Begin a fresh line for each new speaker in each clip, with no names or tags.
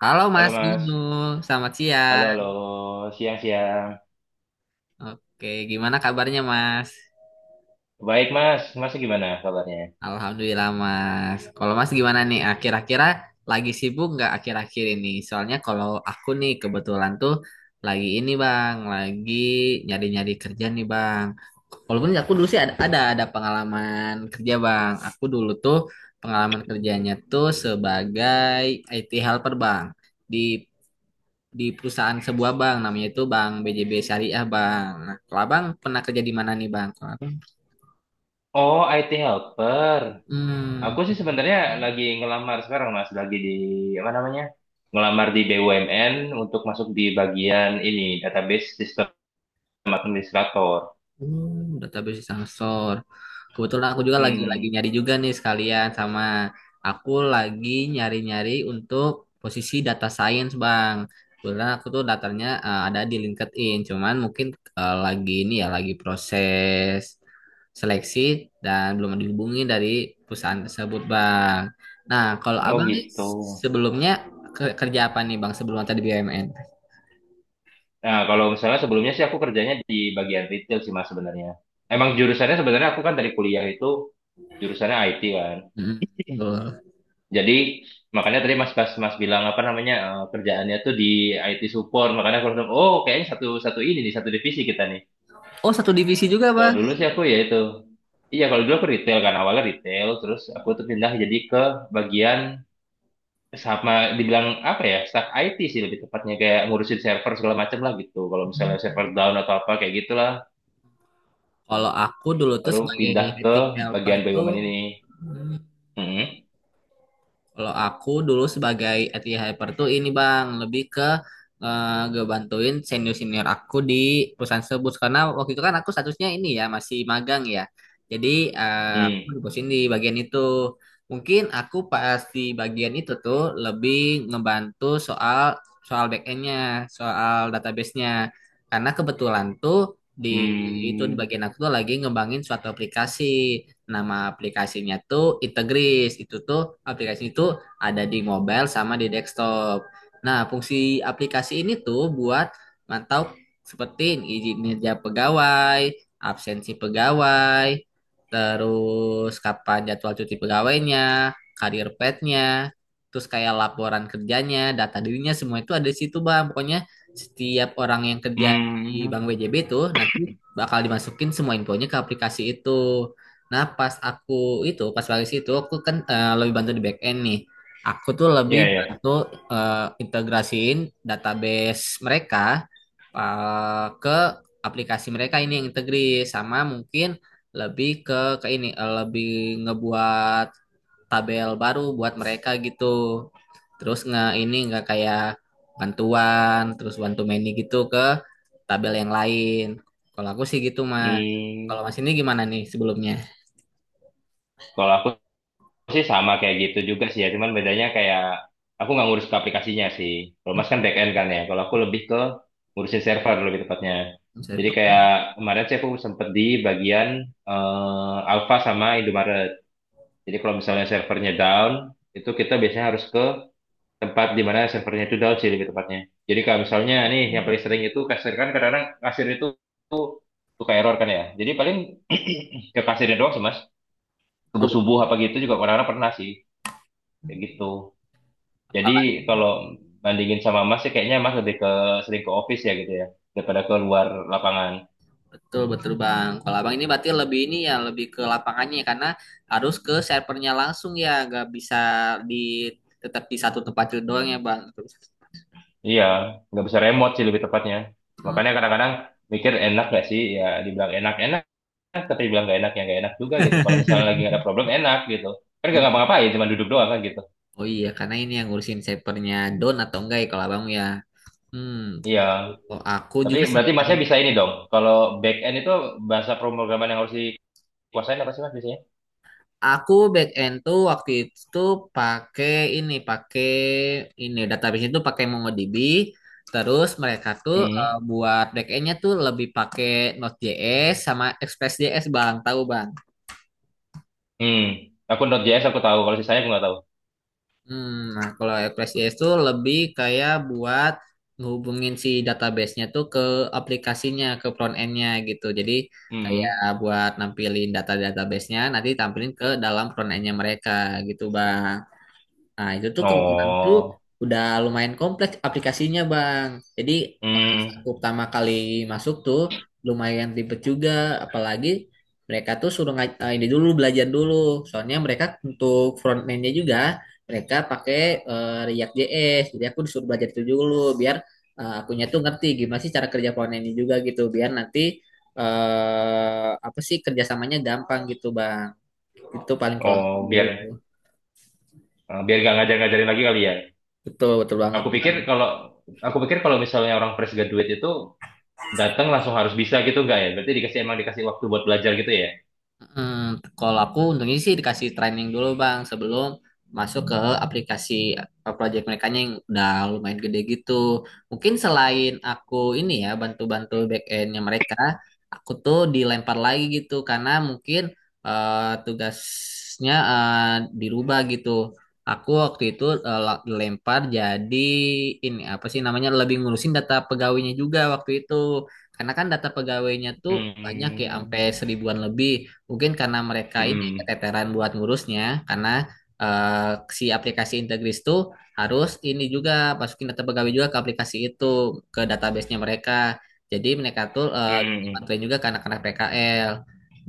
Halo
Halo
Mas
Mas,
Inu, selamat
halo
siang.
halo, siang-siang.
Oke, gimana kabarnya Mas?
Baik Mas, Mas gimana kabarnya?
Alhamdulillah Mas. Kalau Mas gimana nih? Akhir-akhir lagi sibuk nggak akhir-akhir ini? Soalnya kalau aku nih kebetulan tuh lagi ini Bang, lagi nyari-nyari kerja nih Bang. Walaupun aku dulu sih ada pengalaman kerja Bang. Aku dulu tuh pengalaman kerjanya tuh sebagai IT helper Bang di di perusahaan sebuah bank namanya itu Bank BJB Syariah Bang. Nah, kalau Abang pernah kerja di mana nih Bang?
Oh IT helper.
Hmm,
Aku sih sebenarnya lagi ngelamar sekarang Mas, lagi di apa namanya? Ngelamar di BUMN untuk masuk di bagian ini database sistem administrator.
Hmm, database sensor. Kebetulan aku juga lagi
Mm-mm.
nyari juga nih sekalian sama aku lagi nyari-nyari untuk posisi data science, Bang. Kebetulan aku tuh datanya ada di LinkedIn, cuman mungkin lagi ini ya lagi proses seleksi dan belum dihubungi dari perusahaan tersebut, Bang. Nah, kalau
Oh
Abang nih
gitu.
sebelumnya kerja apa nih, Bang, sebelum tadi BUMN?
Nah, kalau misalnya sebelumnya sih aku kerjanya di bagian retail sih Mas sebenarnya. Emang jurusannya sebenarnya aku kan dari kuliah itu jurusannya IT kan.
Hmm, betul.
Jadi makanya tadi Mas pas Mas bilang apa namanya kerjaannya tuh di IT support makanya aku langsung oh kayaknya satu satu ini nih satu divisi kita nih.
Oh, satu divisi juga,
Kalau
Bang.
dulu sih aku ya itu iya kalau dulu aku retail kan awalnya retail terus aku tuh pindah jadi ke bagian sama dibilang apa ya staff IT sih lebih tepatnya kayak ngurusin server segala macam lah gitu. Kalau misalnya server down atau apa kayak gitulah
Kalau aku dulu tuh
baru
sebagai
pindah ke
IT helper
bagian
tuh,
BUMN ini.
hmm,
Mm-mm.
kalau aku dulu sebagai IT helper tuh ini bang, lebih ke ngebantuin senior-senior aku di perusahaan tersebut. Karena waktu itu kan aku statusnya ini ya, masih magang ya. Jadi aku
Hmm.
dibosin di bagian itu. Mungkin aku pas di bagian itu tuh lebih ngebantu soal soal back-endnya, soal database-nya. Karena kebetulan tuh di di
Hmm.
bagian aku tuh lagi ngembangin suatu aplikasi. Nama aplikasinya tuh Integris. Itu tuh aplikasi itu ada di mobile sama di desktop. Nah, fungsi aplikasi ini tuh buat mantau seperti izin kerja pegawai, absensi pegawai, terus kapan jadwal cuti pegawainya, karir petnya, terus kayak laporan kerjanya, data dirinya semua itu ada di situ, Bang. Pokoknya setiap orang yang kerja di
Hmm.
Bank BJB itu nanti bakal dimasukin semua infonya ke aplikasi itu. Nah, pas baris itu, aku kan lebih bantu di back end nih. Aku tuh lebih
Iya ya.
bantu eh, integrasiin database mereka ke aplikasi mereka ini yang integri sama mungkin lebih ke ini lebih ngebuat tabel baru buat mereka gitu. Terus nge ini nggak kayak bantuan, terus bantu many gitu ke tabel yang lain. Kalau aku sih gitu, Mas. Kalau
Hmm.
Mas ini gimana nih sebelumnya?
Kalau aku sih sama kayak gitu juga sih ya, cuman bedanya kayak aku nggak ngurus ke aplikasinya sih. Kalau Mas kan back end kan ya, kalau aku lebih ke ngurusin server lebih tepatnya.
Saya
Jadi kayak
pekan.
kemarin sih aku sempet di bagian Alpha sama Indomaret. Jadi kalau misalnya servernya down, itu kita biasanya harus ke tempat di mana servernya itu down sih lebih tepatnya. Jadi kalau misalnya nih yang paling sering itu kasir kan kadang-kadang kasir itu suka error kan ya. Jadi paling ke kasirnya doang sih Mas.
Betul,
Subuh-subuh apa gitu juga kadang-kadang pernah sih. Kayak gitu. Jadi
betul,
kalau bandingin sama Mas sih kayaknya Mas lebih ke sering ke office ya gitu ya daripada ke luar lapangan.
betul, betul, Bang. Kalau Abang ini berarti lebih ini ya, lebih ke lapangannya ya, karena harus ke servernya langsung ya, nggak bisa di tetap di satu tempat itu doang ya, Bang.
Iya, nggak bisa remote sih lebih tepatnya.
Hmm.
Makanya kadang-kadang mikir enak gak sih ya dibilang enak-enak tapi dibilang gak enak ya gak enak juga gitu. Kalau misalnya lagi ada problem enak gitu. Kan gak ngapa-ngapain cuma duduk doang kan gitu.
Oh iya, karena ini yang ngurusin servernya down atau enggak ya kalau Abang ya. Hmm.
Iya.
Oh, aku
Tapi
juga sama.
berarti Masnya bisa ini dong. Kalau back end itu bahasa pemrograman yang harus dikuasain apa sih Mas biasanya?
Aku back end tuh waktu itu pakai ini, database itu pakai MongoDB. Terus mereka tuh
Hmm.
buat back endnya tuh lebih pakai Node.js sama Express.js bang, tahu bang?
Hmm. Aku Node.js aku tahu. Kalau sisanya aku nggak tahu.
Hmm, nah kalau Express.js tuh lebih kayak buat ngehubungin si database-nya tuh ke aplikasinya, ke front end-nya gitu. Jadi kayak
Hmm.
buat nampilin data database-nya, nanti tampilin ke dalam front end-nya mereka gitu bang. Nah, itu tuh kebetulan tuh
Oh,
udah lumayan kompleks aplikasinya, Bang. Jadi, pas aku
hmm,
pertama kali masuk tuh lumayan ribet juga, apalagi mereka tuh suruh ini dulu belajar dulu. Soalnya mereka untuk front end-nya juga mereka pakai React JS. Jadi aku disuruh belajar itu dulu biar akunya tuh ngerti gimana sih cara kerja front end-nya juga gitu, biar nanti apa sih kerjasamanya gampang gitu, Bang. Itu paling kalau
oh, biar
aku.
eh, biar gak ngajar-ngajarin lagi kali ya.
Betul, betul banget.
Aku pikir kalau aku pikir kalau misalnya orang fresh graduate itu datang langsung harus bisa gitu enggak ya? Berarti dikasih emang dikasih waktu buat belajar gitu ya?
Hmm, kalau aku untungnya sih dikasih training dulu bang sebelum masuk ke aplikasi project mereka yang udah lumayan gede gitu. Mungkin selain aku ini ya bantu-bantu back endnya mereka, aku tuh dilempar lagi gitu karena mungkin tugasnya dirubah gitu. Aku waktu itu dilempar jadi ini apa sih namanya lebih ngurusin data pegawainya juga waktu itu. Karena kan data pegawainya tuh banyak ya
Hmm,
sampai seribuan lebih. Mungkin karena mereka ini
hmm,
keteteran buat ngurusnya, karena si aplikasi Integris itu harus ini juga masukin data pegawai juga ke aplikasi itu, ke database-nya mereka. Jadi mereka tuh
hmm,
bantuin juga ke anak-anak PKL.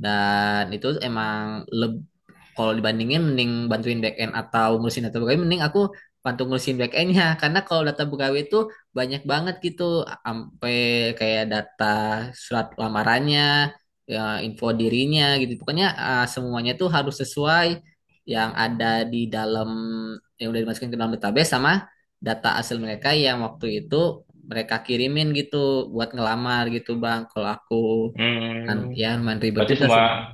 Dan itu emang leb- kalau dibandingin mending bantuin back end atau ngurusin data pegawai mending aku bantu ngurusin back endnya karena kalau data pegawai itu banyak banget gitu sampai kayak data surat lamarannya ya, info dirinya gitu pokoknya semuanya tuh harus sesuai yang ada di dalam yang udah dimasukin ke dalam database sama data asal mereka yang waktu itu mereka kirimin gitu buat ngelamar gitu bang kalau aku kan,
hmm.
ya lumayan ribet
Berarti
juga
semua,
sebenarnya.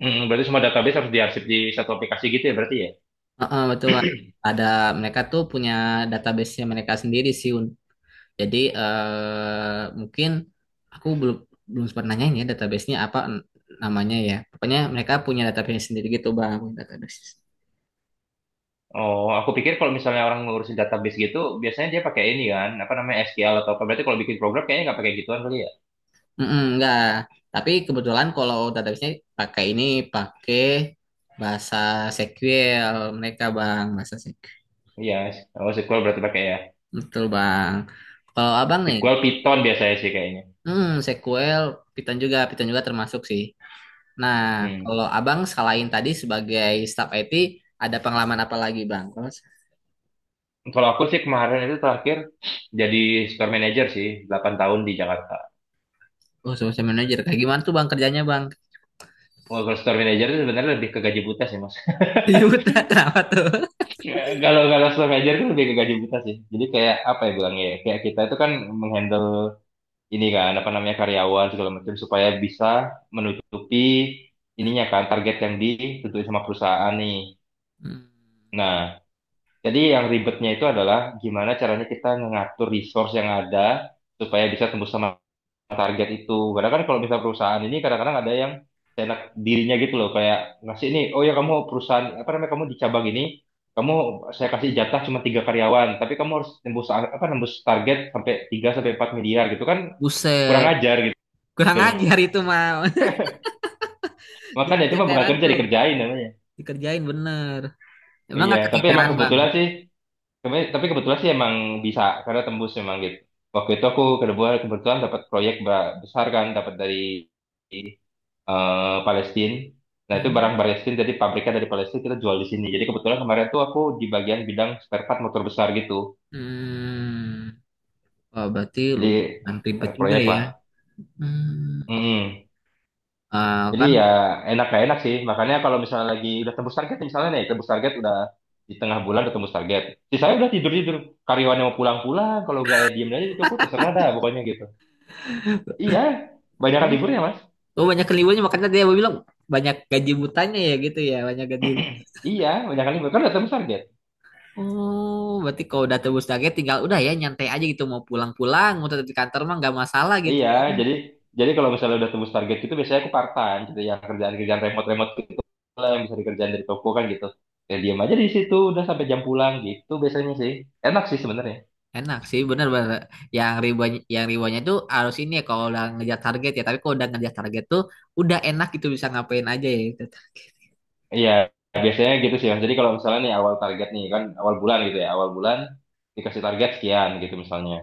berarti semua database harus diarsip di satu aplikasi gitu ya berarti ya?
Heeh, betul. Ada mereka tuh punya database-nya mereka sendiri sih. Un. Jadi mungkin aku belum belum sempat nanyain ya database-nya apa namanya ya. Pokoknya mereka punya database sendiri gitu bang. Database.
Oh, aku pikir kalau misalnya orang ngurusin database gitu, biasanya dia pakai ini kan, apa namanya SQL atau apa? Berarti kalau bikin program kayaknya nggak pakai gituan kali ya?
Mm-mm, enggak. Tapi kebetulan kalau database-nya pakai ini pakai bahasa SQL mereka bang bahasa SQL.
Iya, oh SQL berarti pakai ya.
Betul bang. Kalau abang nih,
Sequel Python biasanya sih kayaknya.
hmm, SQL Python juga termasuk sih. Nah,
Hmm.
kalau Abang selain tadi sebagai staf IT, ada pengalaman apa lagi, Bang?
Kalau aku sih kemarin itu terakhir jadi store manager sih, 8 tahun di Jakarta.
Oh, social manager. Kayak gimana tuh, Bang, kerjanya, Bang?
Kalau kalau store manager itu sebenarnya lebih ke gaji buta sih, Mas.
Yuta, kenapa tuh?
Kalau kalau store manager itu lebih ke gaji buta sih. Jadi kayak apa ya bilangnya ya? Kayak kita itu kan menghandle ini kan apa namanya karyawan segala macam supaya bisa menutupi ininya kan target yang ditentuin sama perusahaan nih.
Hmm,
Nah, jadi yang ribetnya itu adalah gimana caranya kita mengatur resource yang ada supaya bisa tembus sama target itu. Kadang kan kalau misalnya perusahaan ini kadang-kadang ada yang seenak dirinya gitu loh, kayak ngasih ini, oh ya kamu perusahaan apa namanya kamu di cabang ini, kamu saya kasih jatah cuma tiga karyawan, tapi kamu harus nembus apa nembus target sampai 3 sampai 4 miliar gitu kan kurang
Buset,
ajar gitu
kurang
loh.
ajar itu, mah. Dia
Makanya itu mah bukan
keteteran
kerja
tuh,
dikerjain namanya.
dikerjain bener. Emang
Iya,
gak
tapi emang
keteteran, Bang?
kebetulan sih, tapi kebetulan sih emang bisa karena tembus memang gitu. Waktu itu aku kebetulan kebetulan dapat proyek besar kan, dapat dari Palestina. Nah, itu
Hmm.
barang Palestina, jadi pabriknya dari Palestina kita jual di sini. Jadi kebetulan kemarin tuh aku di bagian bidang spare part motor besar gitu.
Hmm. Wah, berarti
Jadi
lumayan ribet
ada
juga
proyek
ya.
lah.
Hmm.
Mm-mm.
Ah,
Jadi ya
kan,
enak gak enak sih. Makanya kalau misalnya lagi udah tembus target, misalnya nih tembus target udah di tengah bulan udah tembus target. Sisanya udah tidur-tidur. Karyawan yang mau pulang-pulang, kalau nggak ya diem aja di toko terserah dah pokoknya gitu. Iya, banyak liburnya Mas.
oh banyak keliwanya makanya dia bilang banyak gaji butanya ya gitu ya, banyak gaji.
Iya, banyak libur kan udah tembus target.
Oh, berarti kalau udah tebus target tinggal udah ya nyantai aja gitu mau pulang-pulang, mau tetap di kantor mah nggak masalah gitu.
Iya, jadi jadi kalau misalnya udah tembus target gitu biasanya aku part-time gitu ya kerjaan-kerjaan remote-remote gitu lah yang bisa dikerjain dari toko kan gitu. Ya diam aja di situ udah sampai jam pulang gitu biasanya sih. Enak sih sebenarnya.
Enak sih bener-bener. Yang ribuan yang ribuannya tuh harus ini ya kalau udah ngejar target ya. Tapi kalau udah ngejar target tuh udah enak gitu bisa ngapain aja ya gitu.
Iya, biasanya gitu sih Mas. Jadi kalau misalnya nih awal target nih kan awal bulan gitu ya, awal bulan dikasih target sekian gitu misalnya.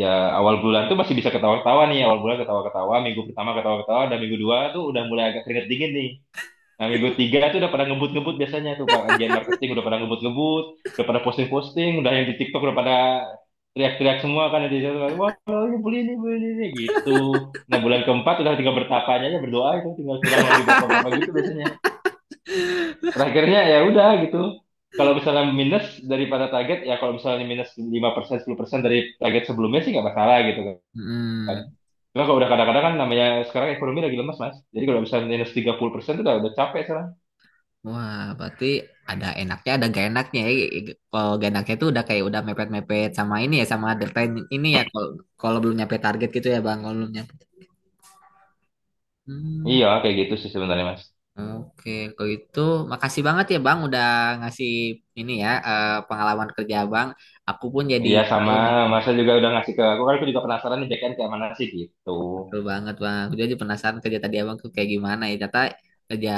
Ya awal bulan tuh masih bisa ketawa-ketawa nih, awal bulan ketawa-ketawa, minggu pertama ketawa-ketawa, dan minggu dua tuh udah mulai agak keringet dingin nih. Nah, minggu tiga itu udah pada ngebut-ngebut biasanya tuh Pak. Bagian marketing udah pada ngebut-ngebut, udah pada posting-posting, udah yang di TikTok udah pada teriak-teriak semua kan di situ kan. Wah, ini beli ini, beli ini gitu. Nah, bulan keempat udah tinggal bertapanya aja berdoa itu tinggal kurang lagi berapa-berapa gitu biasanya. Terakhirnya ya udah gitu. Kalau misalnya minus daripada target, ya kalau misalnya minus 5%, 10% dari target sebelumnya sih nggak masalah gitu kan.
Hmm.
Cuma kalau udah kadang-kadang kan namanya sekarang ekonomi lagi lemas, Mas. Jadi kalau misalnya minus 30% itu udah capek sekarang.
Wah, berarti ada enaknya ada gak enaknya ya gitu. Kalau gak enaknya tuh udah kayak udah mepet-mepet sama ini ya sama deadline ini ya kalau kalau belum nyampe target gitu ya Bang, kalau belum nyampe. Hmm.
Iya, kayak gitu sih sebenarnya, Mas.
Oke, kalau itu makasih banget ya Bang udah ngasih ini ya pengalaman kerja Abang. Aku pun jadi
Iya
tahu
sama,
nih
masa juga udah ngasih ke aku kan aku juga penasaran nih BKN kayak mana sih gitu.
betul banget Bang. Aku jadi penasaran kerja tadi Abang tuh kayak gimana ya. Ternyata kerja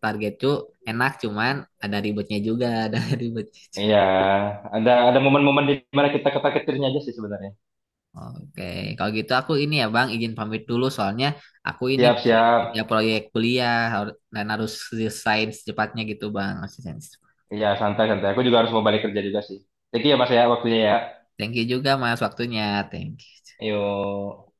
target tuh enak cuman ada ribetnya juga, ada ribetnya juga.
Iya, ada momen-momen di mana kita ketar-ketirnya aja sih sebenarnya.
Oke, kalau gitu aku ini ya Bang izin pamit dulu soalnya aku ini masih ada
Siap-siap,
kerja proyek kuliah dan harus selesai secepatnya gitu Bang. Harus selesai.
iya santai-santai. Aku juga harus mau balik kerja juga sih. Jadi ya Mas ya waktunya ya.
Thank you juga Mas waktunya. Thank you.
Yuk.